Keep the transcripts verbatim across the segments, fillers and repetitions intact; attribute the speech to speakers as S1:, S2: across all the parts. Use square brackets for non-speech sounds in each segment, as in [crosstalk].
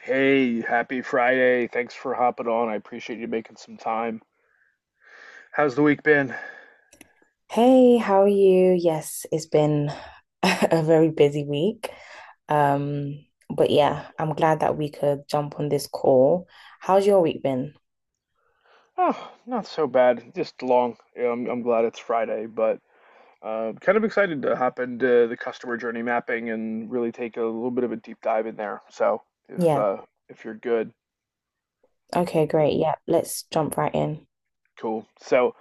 S1: Hey, happy Friday. Thanks for hopping on. I appreciate you making some time. How's the week been?
S2: Hey, how are you? Yes, it's been [laughs] a very busy week. Um, but yeah, I'm glad that we could jump on this call. How's your week been?
S1: Oh, not so bad. Just long. Yeah, I'm, I'm glad it's Friday, but uh, kind of excited to hop into the customer journey mapping and really take a little bit of a deep dive in there. So if
S2: Yeah.
S1: uh, if you're good,
S2: Okay, great. Yeah, let's jump right in.
S1: cool. So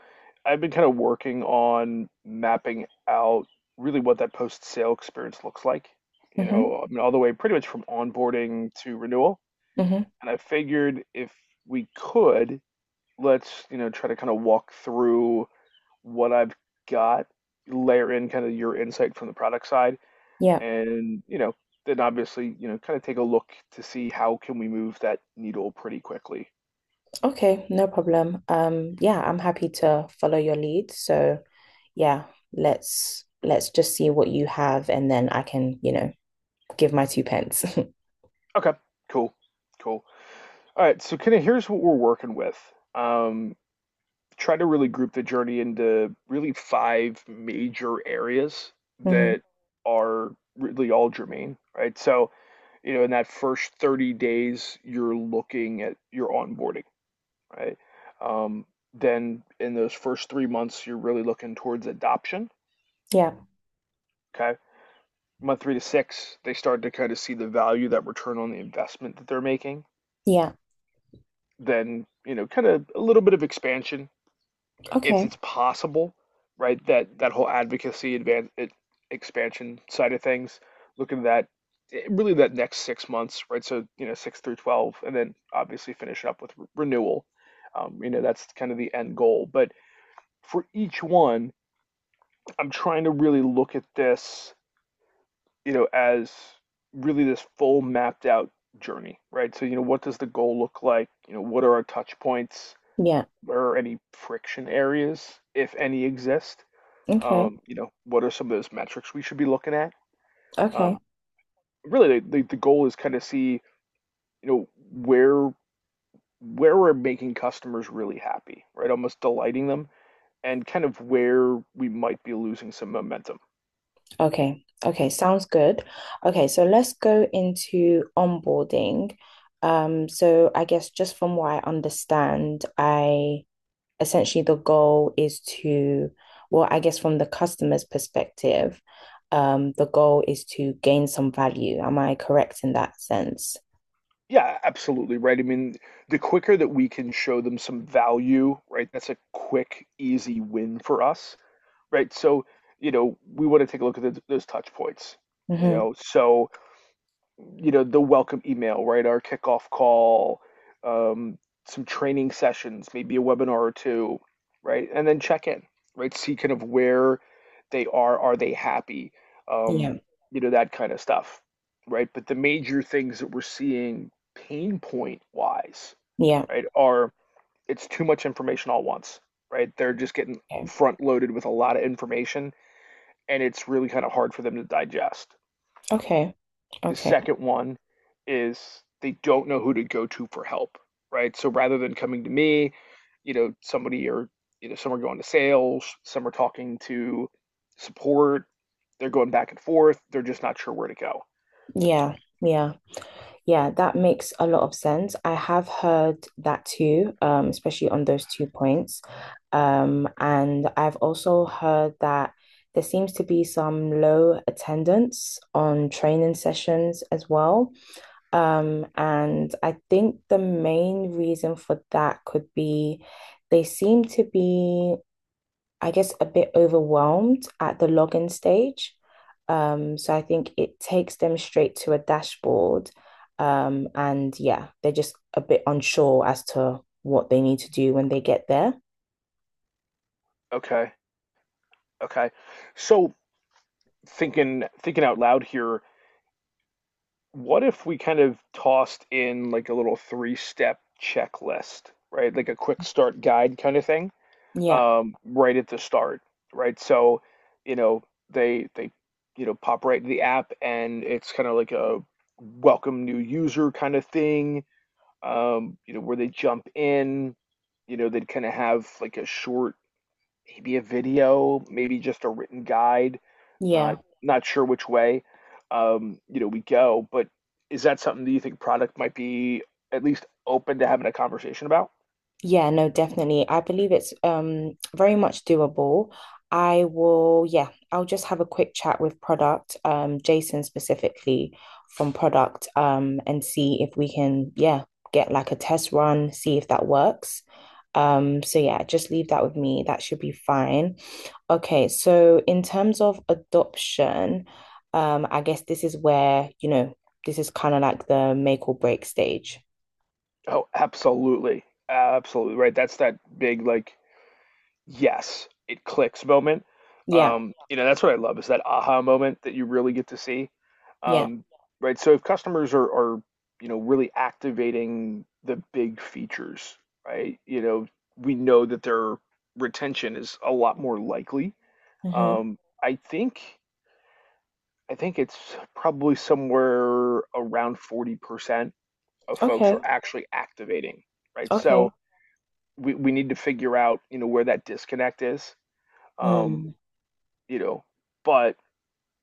S1: I've been kind of working on mapping out really what that post-sale experience looks like. You
S2: Mm-hmm.
S1: know, I mean, all the way pretty much from onboarding to renewal.
S2: Mm-hmm.
S1: And I figured if we could, let's, you know, try to kind of walk through what I've got, layer in kind of your insight from the product side,
S2: Yeah.
S1: and, you know, then obviously, you know, kind of take a look to see how can we move that needle pretty quickly.
S2: Okay, no problem. Um, yeah, I'm happy to follow your lead. So yeah, let's let's just see what you have and then I can, you know, give my two pence. [laughs]
S1: Okay, cool, cool. All right, so kind of here's what we're working with. Um, Try to really group the journey into really five major areas
S2: Mm-hmm.
S1: that are really all germane, right? So, you know, in that first thirty days, you're looking at your onboarding, right? Um, then in those first three months, you're really looking towards adoption,
S2: Yeah.
S1: okay? Month three to six, they start to kind of see the value, that return on the investment that they're making.
S2: Yeah.
S1: Then, you know, kind of a little bit of expansion, if
S2: Okay.
S1: it's possible, right? That that whole advocacy advance it, expansion side of things, looking at that eh, really that next six months, right? So you know six through twelve, and then obviously finish up with re- renewal. Um, you know that's kind of the end goal. But for each one, I'm trying to really look at this, you know, as really this full mapped out journey, right? So you know what does the goal look like? You know what are our touch points?
S2: Yeah.
S1: Where are any friction areas, if any exist?
S2: Okay.
S1: Um, you know, what are some of those metrics we should be looking at?
S2: Okay.
S1: Um, Really, the, the, the goal is kind of see, you know, where where we're making customers really happy, right? Almost delighting them, and kind of where we might be losing some momentum.
S2: Okay. Okay. Sounds good. Okay. So let's go into onboarding. Um, so I guess just from what I understand, I essentially the goal is to, well, I guess from the customer's perspective, um, the goal is to gain some value. Am I correct in that sense?
S1: Yeah, absolutely, right? I mean, the quicker that we can show them some value, right? That's a quick, easy win for us, right? So, you know, we want to take a look at th those touch points, you
S2: Mm-hmm.
S1: know. so. You know, the welcome email, right? Our kickoff call, um, some training sessions, maybe a webinar or two, right? And then check in, right? See kind of where they are. Are they happy? Um,
S2: Yeah.
S1: you know, that kind of stuff, right? But the major things that we're seeing pain point wise,
S2: Yeah.
S1: right, are it's too much information all once, right? They're just getting
S2: Okay.
S1: front loaded with a lot of information and it's really kind of hard for them to digest
S2: Okay.
S1: the
S2: Okay.
S1: second one is they don't know who to go to for help, right? So rather than coming to me, you know, somebody or, you know, some are going to sales, some are talking to support, they're going back and forth, they're just not sure where to go.
S2: Yeah. Yeah. Yeah. That makes a lot of sense. I have heard that too, um, especially on those two points. Um, and I've also heard that there seems to be some low attendance on training sessions as well. Um, and I think the main reason for that could be they seem to be, I guess, a bit overwhelmed at the login stage. Um, so I think it takes them straight to a dashboard. Um, and yeah, they're just a bit unsure as to what they need to do when they get there.
S1: Okay. Okay. So thinking thinking out loud here, what if we kind of tossed in like a little three-step checklist, right? Like a quick start guide kind of thing?
S2: Yeah,
S1: Um, right at the start, right? So, you know, they they you know pop right into the app, and it's kind of like a welcome new user kind of thing. Um, you know, where they jump in, you know, they'd kind of have like a short, maybe a video, maybe just a written guide. Not
S2: yeah.
S1: not sure which way, um, you know, we go. But is that something that you think product might be at least open to having a conversation about?
S2: Yeah, no, definitely. I believe it's um very much doable. I will, yeah, I'll just have a quick chat with product, um, Jason specifically from product, um, and see if we can, yeah, get like a test run, see if that works. Um, so yeah, just leave that with me. That should be fine. Okay, so in terms of adoption, um, I guess this is where, you know, this is kind of like the make or break stage.
S1: Oh, absolutely. Absolutely. Right. That's that big, like, yes, it clicks moment.
S2: Yeah,
S1: Um, you know, that's what I love is that aha moment that you really get to see.
S2: yeah.
S1: Um, right. So if customers are, are, you know, really activating the big features, right? You know, we know that their retention is a lot more likely.
S2: Hmm.
S1: Um, I think. I think it's probably somewhere around forty percent of folks are
S2: Okay.
S1: actually activating, right? So
S2: Okay.
S1: we, we need to figure out, you know, where that disconnect is. Um,
S2: Mm.
S1: you know, but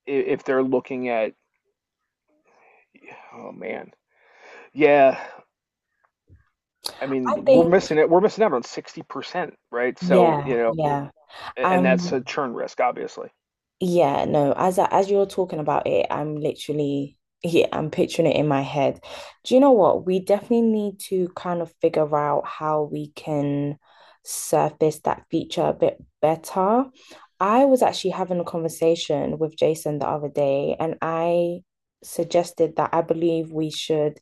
S1: i- if they're looking at, oh man, yeah, I
S2: I
S1: mean, we're
S2: think,
S1: missing it. We're missing out on sixty percent, right? So,
S2: yeah,
S1: you know,
S2: yeah.
S1: a- and that's a
S2: I'm,
S1: churn risk, obviously.
S2: yeah, no. As I, as you're talking about it, I'm literally, yeah, I'm picturing it in my head. Do you know what? We definitely need to kind of figure out how we can surface that feature a bit better. I was actually having a conversation with Jason the other day, and I suggested that I believe we should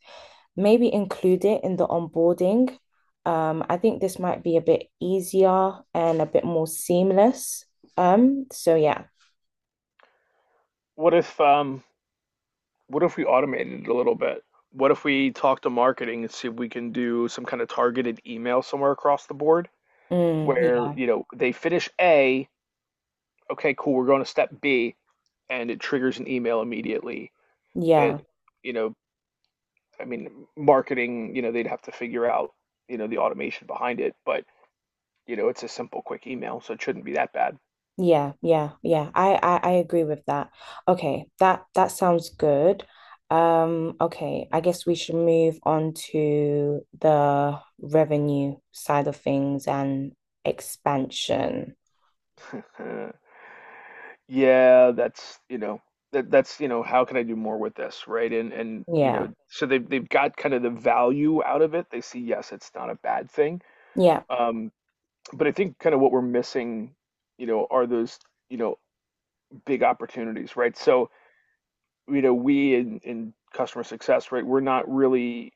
S2: maybe include it in the onboarding. Um, I think this might be a bit easier and a bit more seamless. Um, so yeah.
S1: What if, um, what if we automated it a little bit? What if we talk to marketing and see if we can do some kind of targeted email somewhere across the board?
S2: Mm,
S1: Where,
S2: yeah,
S1: you know, they finish A, okay, cool, we're going to step B, and it triggers an email immediately that,
S2: yeah,
S1: you know, I mean, marketing, you know, they'd have to figure out, you know, the automation behind it, but, you know, it's a simple, quick email, so it shouldn't be that bad.
S2: yeah, yeah, yeah. I, I I agree with that. Okay, that that sounds good. Um, okay, I guess we should move on to the revenue side of things and expansion.
S1: Uh, yeah, that's, you know, that that's, you know, how can I do more with this, right? And and you know,
S2: Yeah,
S1: so they've they've got kind of the value out of it. They see, yes, it's not a bad thing.
S2: yeah,
S1: Um, but I think kind of what we're missing, you know, are those, you know, big opportunities, right? So, you know, we in in customer success, right, we're not really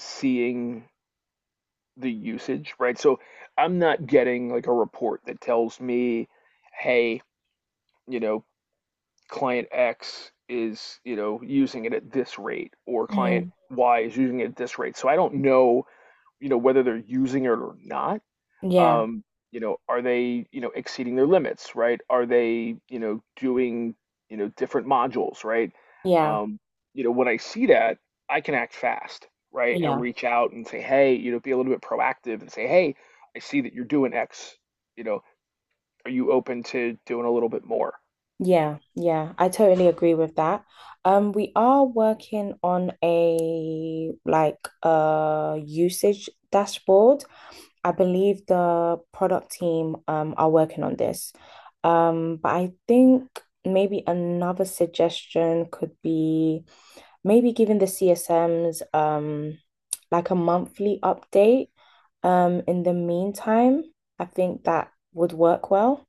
S1: seeing the usage, right? So I'm not getting like a report that tells me, hey, you know, client X is, you know, using it at this rate or client
S2: mm,
S1: Y is using it at this rate. So I don't know, you know, whether they're using it or not.
S2: yeah,
S1: Um, you know, are they, you know, exceeding their limits, right? Are they, you know, doing, you know, different modules, right?
S2: yeah,
S1: Um, you know, when I see that, I can act fast, right? And
S2: yeah.
S1: reach out and say, hey, you know, be a little bit proactive and say, hey, I see that you're doing X, you know, are you open to doing a little bit more?
S2: Yeah, yeah, I totally agree with that. Um, we are working on a like uh usage dashboard. I believe the product team um are working on this. Um, but I think maybe another suggestion could be maybe giving the C S Ms um like a monthly update. Um, in the meantime, I think that would work well.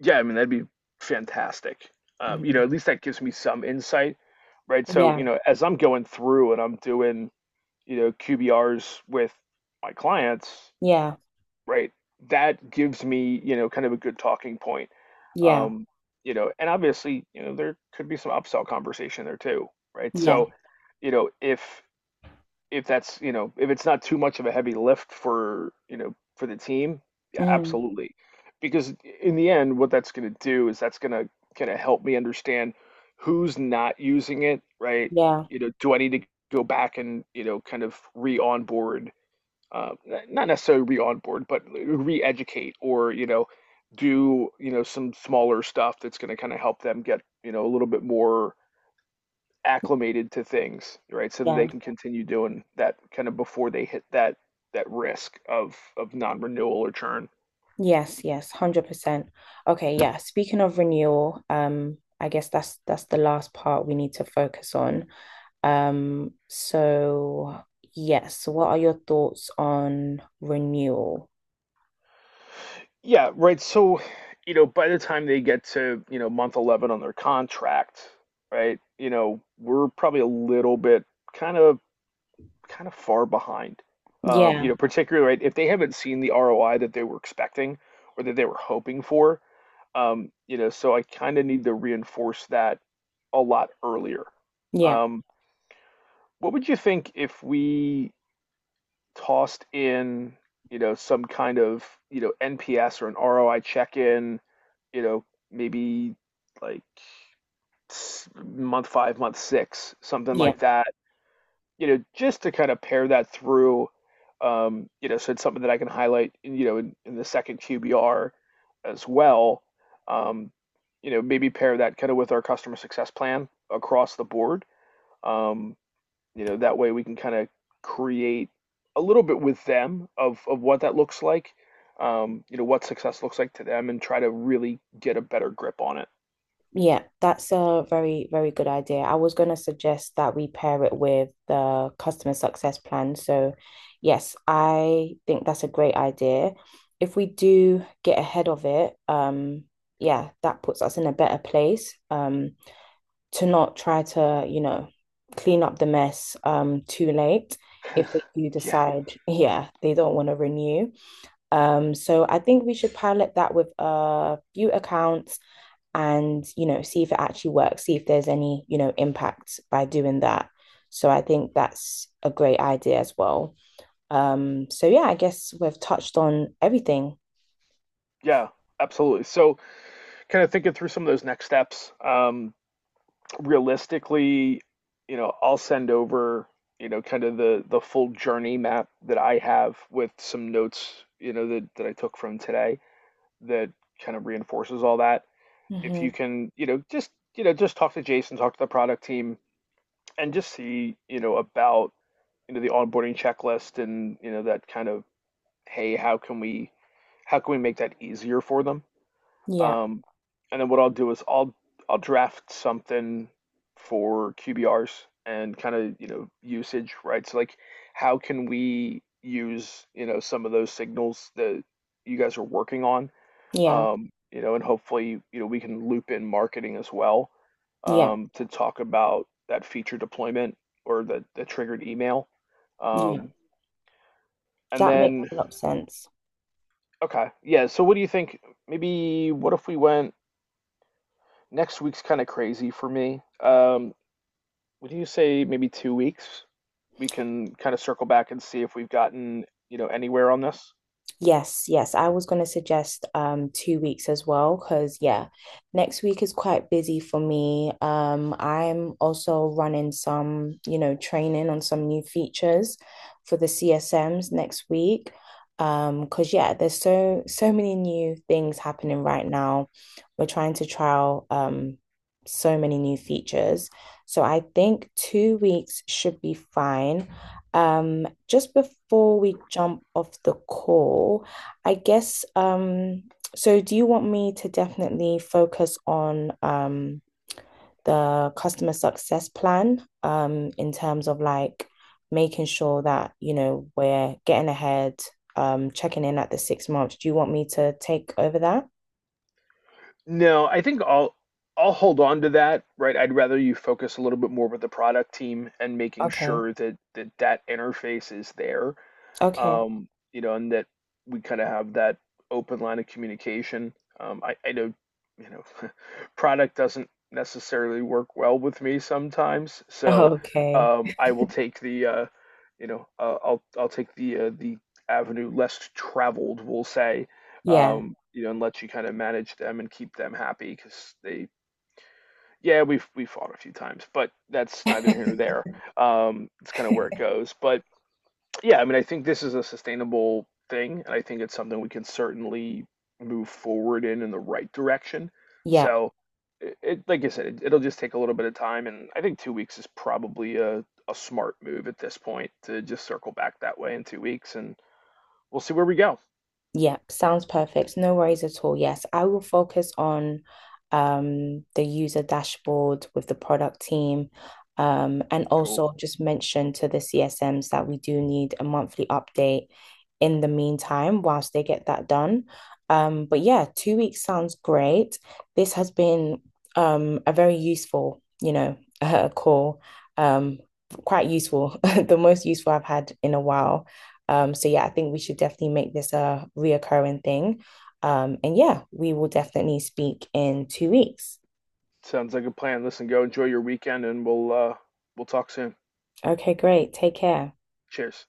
S1: Yeah, I mean, that'd be fantastic. Um, you know,
S2: Mhm.
S1: at least that gives me some insight, right? So, you
S2: Yeah,
S1: know, as I'm going through and I'm doing, you know, Q B Rs with my clients,
S2: yeah,
S1: right? That gives me, you know, kind of a good talking point.
S2: yeah.
S1: Um, you know, and obviously, you know, there could be some upsell conversation there too, right?
S2: Yeah.
S1: So, you know, if if that's, you know, if it's not too much of a heavy lift for, you know, for the team, yeah,
S2: Mm,
S1: absolutely. Because in the end, what that's going to do is that's going to kind of help me understand who's not using it, right?
S2: yeah.
S1: You know, do I need to go back and, you know, kind of re-onboard, uh, not necessarily re-onboard, but re-educate or, you know, do, you know, some smaller stuff that's going to kind of help them get, you know, a little bit more acclimated to things, right? So that
S2: Yeah.
S1: they can continue doing that kind of before they hit that that risk of of non-renewal or churn.
S2: Yes, yes, one hundred percent. Okay, yeah. Speaking of renewal, um, I guess that's that's the last part we need to focus on. Um, so yes, what are your thoughts on renewal?
S1: Yeah, right. So, you know, by the time they get to, you know, month eleven on their contract, right? You know, we're probably a little bit kind of kind of far behind. Um, you
S2: Yeah.
S1: know, particularly right if they haven't seen the R O I that they were expecting or that they were hoping for. Um, you know, so I kind of need to reinforce that a lot earlier.
S2: Yeah.
S1: Um, What would you think if we tossed in, you know, some kind of, you know, N P S or an R O I check-in, you know, maybe like s- month five, month six, something
S2: Yeah.
S1: like that, you know, just to kind of pair that through, um, you know, so it's something that I can highlight, in, you know, in, in the second Q B R as well. Um, you know, maybe pair that kind of with our customer success plan across the board. Um, you know, that way we can kind of create a little bit with them of of what that looks like, um, you know, what success looks like to them, and try to really get a better grip on it.
S2: Yeah, that's a very, very good idea. I was going to suggest that we pair it with the customer success plan. So, yes, I think that's a great idea. If we do get ahead of it, um, yeah, that puts us in a better place, um, to not try to, you know, clean up the mess, um, too late if they do
S1: Yeah,
S2: decide, [laughs] yeah, they don't want to renew. Um, so I think we should pilot that with a few accounts, and you know, see if it actually works, see if there's any, you know, impact by doing that. So I think that's a great idea as well. Um so yeah, I guess we've touched on everything.
S1: yeah, absolutely. So, kind of thinking through some of those next steps. Um, realistically, you know, I'll send over, you know, kind of the the full journey map that I have with some notes, you know, that that I took from today. That kind of reinforces all that. If you
S2: Hmm.
S1: can, you know, just you know, just talk to Jason, talk to the product team, and just see, you know, about you know the onboarding checklist and you know that kind of hey, how can we how can we make that easier for them?
S2: Yeah,
S1: Um, and then what I'll do is I'll I'll draft something for Q B Rs and kind of you know usage, right? So like, how can we use you know some of those signals that you guys are working on
S2: yeah,
S1: um, you know, and hopefully, you know, we can loop in marketing as well
S2: yeah,
S1: um, to talk about that feature deployment or the, the triggered email.
S2: yeah,
S1: Um, and
S2: that makes
S1: then,
S2: a lot of sense.
S1: okay, yeah. So, what do you think? Maybe what if we went next week's kind of crazy for me? Um, would you say maybe two weeks? We can kind of circle back and see if we've gotten, you know, anywhere on this.
S2: Yes, yes. I was going to suggest um two weeks as well because yeah, next week is quite busy for me. Um, I'm also running some, you know, training on some new features for the C S Ms next week. Um, because yeah, there's so so many new things happening right now. We're trying to trial um so many new features. So I think two weeks should be fine. Um, just before we jump off the call, I guess, um, so do you want me to definitely focus on um the customer success plan um in terms of like making sure that, you know, we're getting ahead, um, checking in at the six months. Do you want me to take over that?
S1: No, I think I'll I'll hold on to that, right? I'd rather you focus a little bit more with the product team and making
S2: Okay.
S1: sure that that, that interface is there
S2: Okay. [laughs]
S1: um, you know, and that we kind of have that open line of communication. Um, I, I know, you know, [laughs] product doesn't necessarily work well with me sometimes, so
S2: Okay.
S1: um, I will take the, uh, you know, uh, I'll I'll take the uh, the avenue less traveled, we'll say,
S2: Yeah.
S1: um, you know, and let you kind of manage them and keep them happy because they. Yeah, we've we fought a few times, but that's neither here nor there. Um, it's kind of where it goes. But. Yeah, I mean, I think this is a sustainable thing, and I think it's something we can certainly move forward in in the right direction.
S2: Yeah.
S1: So, it, it like I said, it, it'll just take a little bit of time, and I think two weeks is probably a, a smart move at this point to just circle back that way in two weeks, and we'll see where we go.
S2: Yeah, sounds perfect. No worries at all. Yes, I will focus on um, the user dashboard with the product team. Um, and
S1: Cool.
S2: also just mention to the C S Ms that we do need a monthly update in the meantime whilst they get that done. Um, but yeah, two weeks sounds great. This has been um, a very useful, you know, [laughs] uh, call. Um, quite useful, [laughs] the most useful I've had in a while. Um, so yeah, I think we should definitely make this a reoccurring thing. Um, and yeah, we will definitely speak in two weeks.
S1: Sounds like a plan. Listen, go enjoy your weekend, and we'll uh, we'll talk soon.
S2: Okay, great. Take care.
S1: Cheers.